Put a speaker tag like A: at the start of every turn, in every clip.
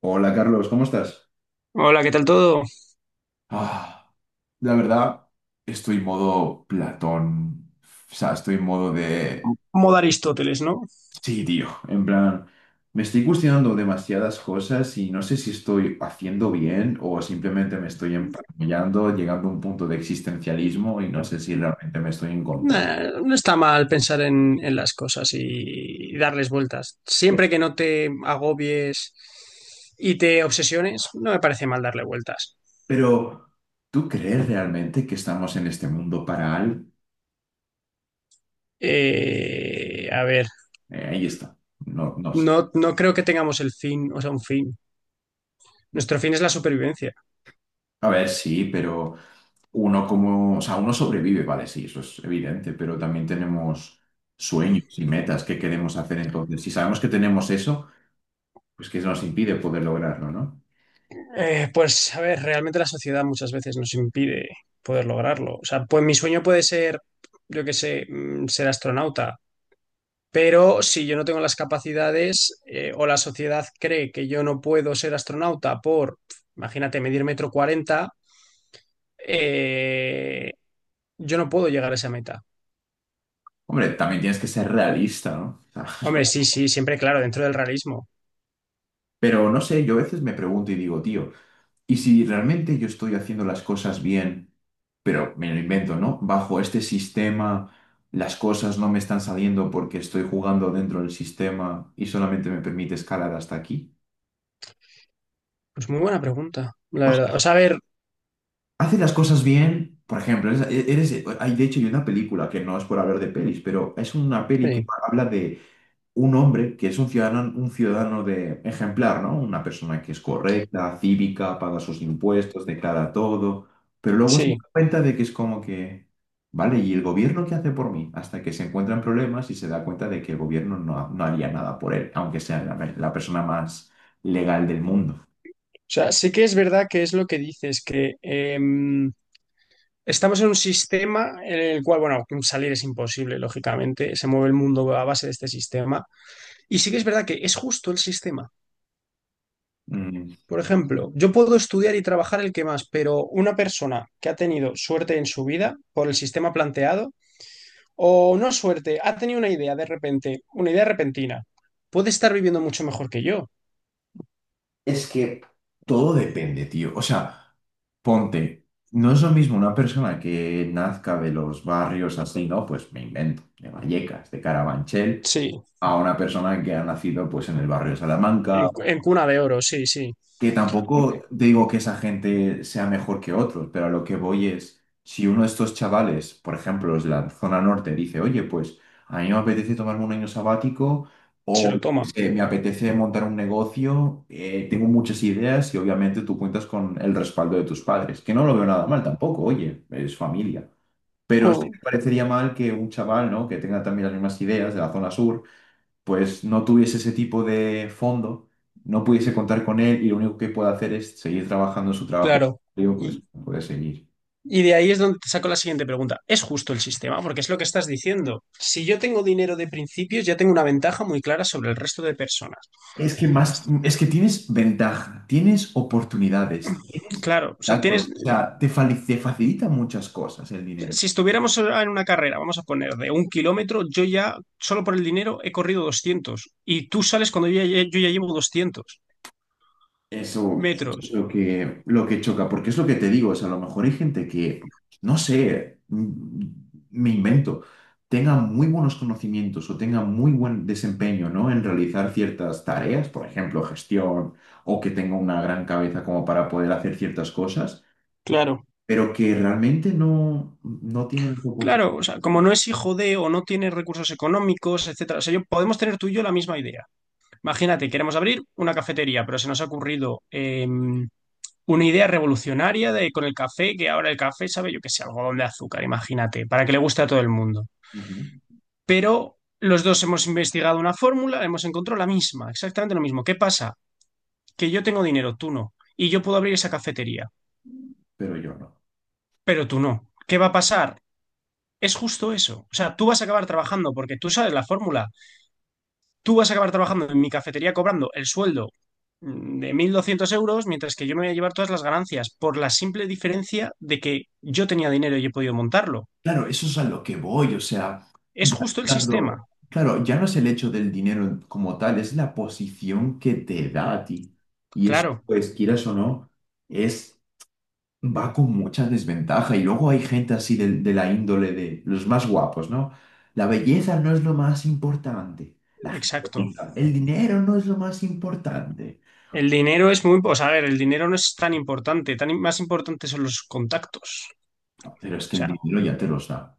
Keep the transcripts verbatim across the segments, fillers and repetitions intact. A: Hola Carlos, ¿cómo estás?
B: Hola, ¿qué tal todo?
A: Ah, la verdad, estoy en modo Platón. O sea, estoy en modo de...
B: Modo Aristóteles, ¿no?
A: Sí, tío. En plan, me estoy cuestionando demasiadas cosas y no sé si estoy haciendo bien o simplemente me estoy emparanoiando, llegando a un punto de existencialismo y no sé si realmente me estoy encontrando.
B: Eh, no está mal pensar en, en las cosas y, y darles vueltas. Siempre que no te agobies y te obsesiones, no me parece mal darle vueltas.
A: Pero, ¿tú crees realmente que estamos en este mundo para algo?
B: Eh, a ver,
A: Eh, ahí está. No, no sé.
B: no, no creo que tengamos el fin, o sea, un fin. Nuestro fin es la supervivencia.
A: A ver, sí, pero uno como, o sea, uno sobrevive, vale, sí, eso es evidente, pero también tenemos sueños y metas que queremos hacer. Entonces, si sabemos que tenemos eso, pues que nos impide poder lograrlo, ¿no?
B: Eh, pues, a ver, realmente la sociedad muchas veces nos impide poder lograrlo. O sea, pues mi sueño puede ser, yo qué sé, mm, ser astronauta. Pero si yo no tengo las capacidades, eh, o la sociedad cree que yo no puedo ser astronauta por, imagínate, medir metro cuarenta, eh, yo no puedo llegar a esa meta.
A: Hombre, también tienes que ser realista, ¿no? O
B: Hombre,
A: sea,
B: sí, sí, siempre claro, dentro del realismo.
A: pero no sé, yo a veces me pregunto y digo, tío, ¿y si realmente yo estoy haciendo las cosas bien, pero me lo invento, ¿no? Bajo este sistema, las cosas no me están saliendo porque estoy jugando dentro del sistema y solamente me permite escalar hasta aquí.
B: Pues muy buena pregunta, la verdad. O sea, a ver,
A: Hace las cosas bien. Por ejemplo, eres, eres- hay, de hecho, hay una película que no es por hablar de pelis, pero es una peli que
B: sí,
A: habla de un hombre que es un ciudadano, un ciudadano de ejemplar, ¿no? Una persona que es correcta, cívica, paga sus impuestos, declara todo, pero luego se da
B: sí.
A: cuenta de que es como que, vale, ¿y el gobierno qué hace por mí? Hasta que se encuentran problemas y se da cuenta de que el gobierno no, no haría nada por él, aunque sea la la persona más legal del mundo.
B: O sea, sí que es verdad que es lo que dices, que em, estamos en un sistema en el cual, bueno, salir es imposible, lógicamente, se mueve el mundo a base de este sistema. Y sí que es verdad que es justo el sistema.
A: Mm.
B: Por ejemplo, yo puedo estudiar y trabajar el que más, pero una persona que ha tenido suerte en su vida por el sistema planteado, o no suerte, ha tenido una idea de repente, una idea repentina, puede estar viviendo mucho mejor que yo.
A: Es que, todo depende, tío. O sea, ponte, no es lo mismo una persona que nazca de los barrios así, ¿no? Pues me invento, de Vallecas, de Carabanchel,
B: Sí,
A: a una persona que ha nacido pues en el barrio de Salamanca,
B: en, en cuna de oro, sí, sí.
A: que tampoco
B: Hombre,
A: digo que esa gente sea mejor que otros, pero a lo que voy es, si uno de estos chavales, por ejemplo, los de la zona norte, dice, oye, pues a mí me apetece tomarme un año sabático
B: se
A: o
B: lo
A: yo qué
B: toma.
A: sé, me apetece montar un negocio, eh, tengo muchas ideas y obviamente tú cuentas con el respaldo de tus padres, que no lo veo nada mal tampoco, oye, es familia. Pero sí me
B: Mm.
A: parecería mal que un chaval, ¿no? que tenga también las mismas ideas de la zona sur, pues no tuviese ese tipo de fondo, no pudiese contar con él y lo único que puede hacer es seguir trabajando en su trabajo,
B: Claro.
A: digo, pues
B: Y,
A: puede seguir.
B: y de ahí es donde te saco la siguiente pregunta. ¿Es justo el sistema? Porque es lo que estás diciendo. Si yo tengo dinero de principios, ya tengo una ventaja muy clara sobre el resto de personas.
A: Es que más, es que tienes ventaja, tienes oportunidades, tienes
B: Claro, o sea,
A: contactos,
B: tienes.
A: o sea, te, fali- te facilita muchas cosas el dinero.
B: Si estuviéramos en una carrera, vamos a poner de un kilómetro, yo ya, solo por el dinero, he corrido doscientos. Y tú sales cuando yo ya, yo ya llevo doscientos
A: Eso es
B: metros.
A: lo que, lo que choca, porque es lo que te digo, o sea, a lo mejor hay gente que, no sé, mm, me invento, tenga muy buenos conocimientos o tenga muy buen desempeño, ¿no? En realizar ciertas tareas, por ejemplo, gestión, o que tenga una gran cabeza como para poder hacer ciertas cosas,
B: Claro.
A: pero que realmente no, no tienen esa oportunidad.
B: Claro, o sea, como no es hijo de o no tiene recursos económicos, etcétera. O sea, yo, podemos tener tú y yo la misma idea. Imagínate, queremos abrir una cafetería, pero se nos ha ocurrido em, una idea revolucionaria de con el café, que ahora el café sabe, yo qué sé, algodón de azúcar, imagínate, para que le guste a todo el mundo.
A: Ujú.
B: Pero los dos hemos investigado una fórmula, hemos encontrado la misma, exactamente lo mismo. ¿Qué pasa? Que yo tengo dinero, tú no, y yo puedo abrir esa cafetería,
A: Pero yo no.
B: pero tú no. ¿Qué va a pasar? Es justo eso. O sea, tú vas a acabar trabajando porque tú sabes la fórmula. Tú vas a acabar trabajando en mi cafetería cobrando el sueldo, mm, de mil doscientos euros, mientras que yo me voy a llevar todas las ganancias por la simple diferencia de que yo tenía dinero y he podido montarlo.
A: Claro, eso es a lo que voy, o sea,
B: Es
A: ya
B: justo el sistema.
A: hablando, claro, ya no es el hecho del dinero como tal, es la posición que te da a ti. Y eso,
B: Claro,
A: pues, quieras o no, es, va con mucha desventaja. Y luego hay gente así de, de la índole de los más guapos, ¿no? La belleza no es lo más importante. La gente
B: exacto.
A: bonita, el dinero no es lo más importante.
B: El dinero es muy, o sea, a ver, el dinero no es tan importante, tan más importante son los contactos.
A: Pero es
B: O
A: que el
B: sea,
A: dinero ya te los da.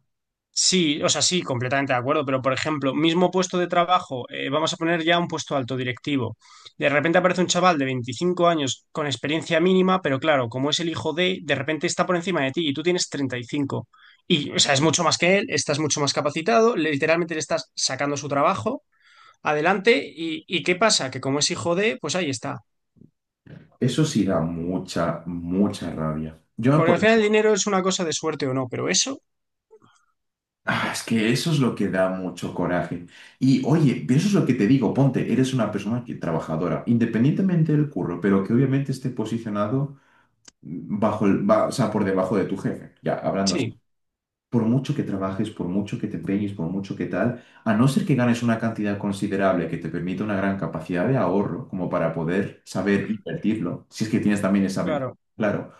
B: sí, o sea, sí, completamente de acuerdo, pero por ejemplo, mismo puesto de trabajo, eh, vamos a poner ya un puesto alto directivo. De repente aparece un chaval de veinticinco años con experiencia mínima, pero claro, como es el hijo de, de repente está por encima de ti y tú tienes treinta y cinco. Y, cinco. Y, o sea, es mucho más que él, estás mucho más capacitado, literalmente le estás sacando su trabajo adelante y, y ¿qué pasa? Que como es hijo de, pues ahí está.
A: Eso sí da mucha, mucha rabia. Yo,
B: Porque
A: por
B: al final el dinero es una cosa de suerte o no, pero eso,
A: Ah, es que eso es lo que da mucho coraje. Y oye, pero eso es lo que te digo, ponte, eres una persona que, trabajadora, independientemente del curro, pero que obviamente esté posicionado bajo el, ba- o sea, por debajo de tu jefe, ya hablando así.
B: sí,
A: Por mucho que trabajes, por mucho que te empeñes, por mucho que tal, a no ser que ganes una cantidad considerable que te permita una gran capacidad de ahorro, como para poder saber invertirlo, si es que tienes también esa mente,
B: claro,
A: claro,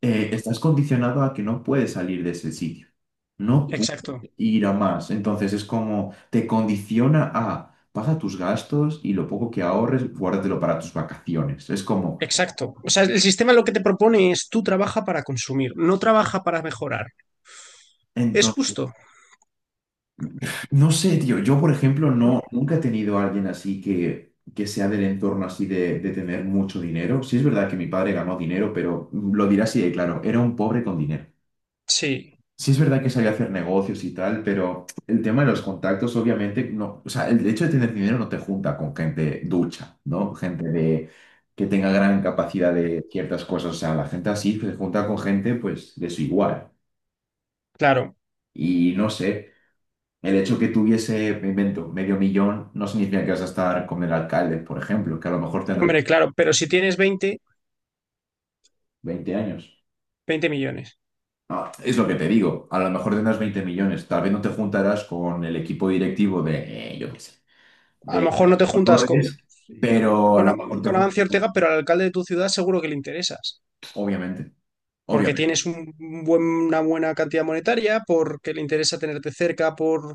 A: eh, estás condicionado a que no puedes salir de ese sitio, no puedes
B: exacto,
A: ir a más. Entonces es como te condiciona a paga tus gastos y lo poco que ahorres, guárdatelo para tus vacaciones. Es como,
B: exacto. O sea, el sistema lo que te propone es tú trabaja para consumir, no trabaja para mejorar. ¿Es
A: entonces,
B: justo?
A: no sé, tío, yo por ejemplo no, nunca he tenido a alguien así que, que sea del entorno así de, de tener mucho dinero. Sí es verdad que mi padre ganó dinero, pero lo dirá así de claro, era un pobre con dinero.
B: Sí,
A: Sí es verdad que sabía hacer negocios y tal, pero el tema de los contactos, obviamente, no, o sea, el hecho de tener dinero no te junta con gente ducha, ¿no? Gente de, que tenga gran capacidad de ciertas cosas, o sea, la gente así se junta con gente, pues, de su igual.
B: claro,
A: Y no sé, el hecho que tuviese, me invento, medio millón, no significa que vas a estar con el alcalde, por ejemplo, que a lo mejor tendrá
B: hombre, claro, pero si tienes veinte
A: veinte años.
B: veinte millones.
A: No, es lo que te digo, a lo mejor tendrás veinte millones, tal vez no te juntarás con el equipo directivo de, eh, yo qué sé
B: A lo
A: de
B: mejor no te juntas con,
A: Torres, pero a
B: con,
A: lo
B: Am-
A: mejor te
B: con
A: juntas,
B: Amancio
A: con-
B: Ortega, pero al alcalde de tu ciudad seguro que le interesas.
A: obviamente,
B: Porque
A: obviamente,
B: tienes un buen- una buena cantidad monetaria, porque le interesa tenerte cerca, por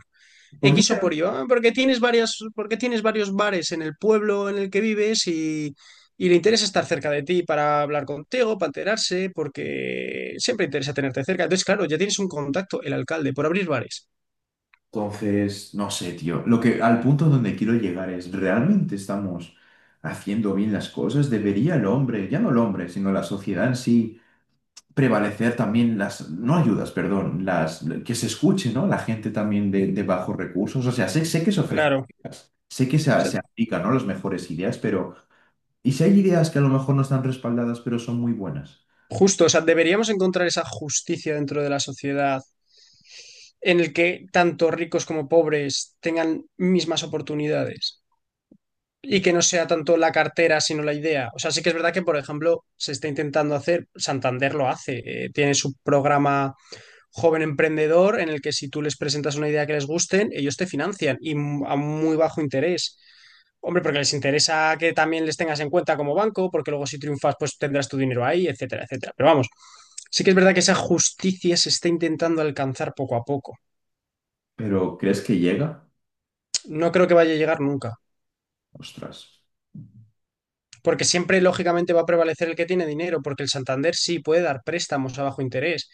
A: por
B: X o
A: dinero.
B: por Y. Ah, porque tienes varias, porque tienes varios bares en el pueblo en el que vives y, y le interesa estar cerca de ti para hablar contigo, para enterarse, porque siempre interesa tenerte cerca. Entonces, claro, ya tienes un contacto, el alcalde, por abrir bares.
A: Entonces, no sé, tío, lo que al punto donde quiero llegar es, ¿realmente estamos haciendo bien las cosas? ¿Debería el hombre, ya no el hombre, sino la sociedad en sí, prevalecer también las, no ayudas, perdón, las, que se escuche, ¿no? La gente también de, de bajos recursos, o sea, sé, sé que se
B: Claro.
A: ofrecen
B: O
A: ideas, sé que se,
B: sea,
A: se aplican, ¿no? Las mejores ideas, pero... Y si hay ideas que a lo mejor no están respaldadas, pero son muy buenas.
B: justo, o sea, deberíamos encontrar esa justicia dentro de la sociedad en el que tanto ricos como pobres tengan mismas oportunidades. Y que no sea tanto la cartera, sino la idea. O sea, sí que es verdad que, por ejemplo, se está intentando hacer, Santander lo hace, eh, tiene su programa Joven Emprendedor en el que si tú les presentas una idea que les gusten, ellos te financian y m- a muy bajo interés. Hombre, porque les interesa que también les tengas en cuenta como banco, porque luego si triunfas, pues tendrás tu dinero ahí, etcétera, etcétera. Pero vamos, sí que es verdad que esa justicia se está intentando alcanzar poco a poco.
A: Pero ¿crees que llega?
B: No creo que vaya a llegar nunca.
A: Ostras.
B: Porque siempre, lógicamente, va a prevalecer el que tiene dinero, porque el Santander sí puede dar préstamos a bajo interés.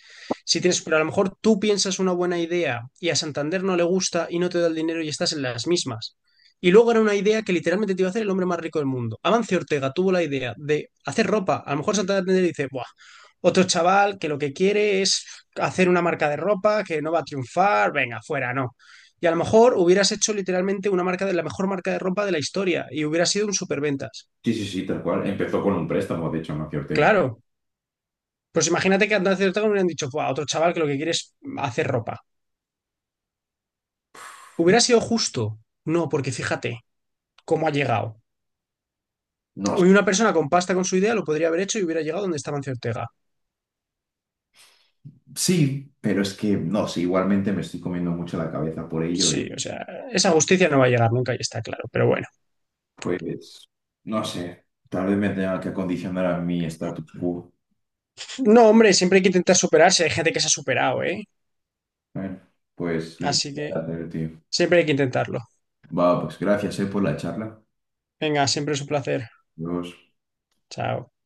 B: Si tienes, pero a lo mejor tú piensas una buena idea y a Santander no le gusta y no te da el dinero y estás en las mismas. Y luego era una idea que literalmente te iba a hacer el hombre más rico del mundo. Amancio Ortega tuvo la idea de hacer ropa. A lo mejor Santander dice, buah, otro chaval que lo que quiere es hacer una marca de ropa, que no va a triunfar, venga, fuera, no. Y a lo mejor hubieras hecho literalmente una marca de la mejor marca de ropa de la historia y hubiera sido un superventas.
A: Sí, sí, sí, tal cual. Empezó con un préstamo, de hecho, Amancio Ortega.
B: Claro, pues imagínate que antes de Ortega hubieran dicho, "Buah, otro chaval que lo que quiere es hacer ropa. ¿Hubiera sido justo? No, porque fíjate cómo ha llegado.
A: No,
B: Hoy una persona con pasta con su idea lo podría haber hecho y hubiera llegado donde estaba Ancio Ortega.
A: sí, pero es que no sé, igualmente me estoy comiendo mucho la cabeza por ello
B: Sí,
A: y
B: o sea, esa justicia no va a llegar nunca y está claro, pero bueno.
A: pues no sé, tal vez me tenga que acondicionar a mi status quo.
B: No, hombre, siempre hay que intentar superarse. Hay gente que se ha superado, ¿eh?
A: Bueno, pues lo
B: Así que
A: hacer, tío.
B: siempre hay que intentarlo.
A: Va, pues gracias, eh, por la charla.
B: Venga, siempre es un placer.
A: Adiós.
B: Chao.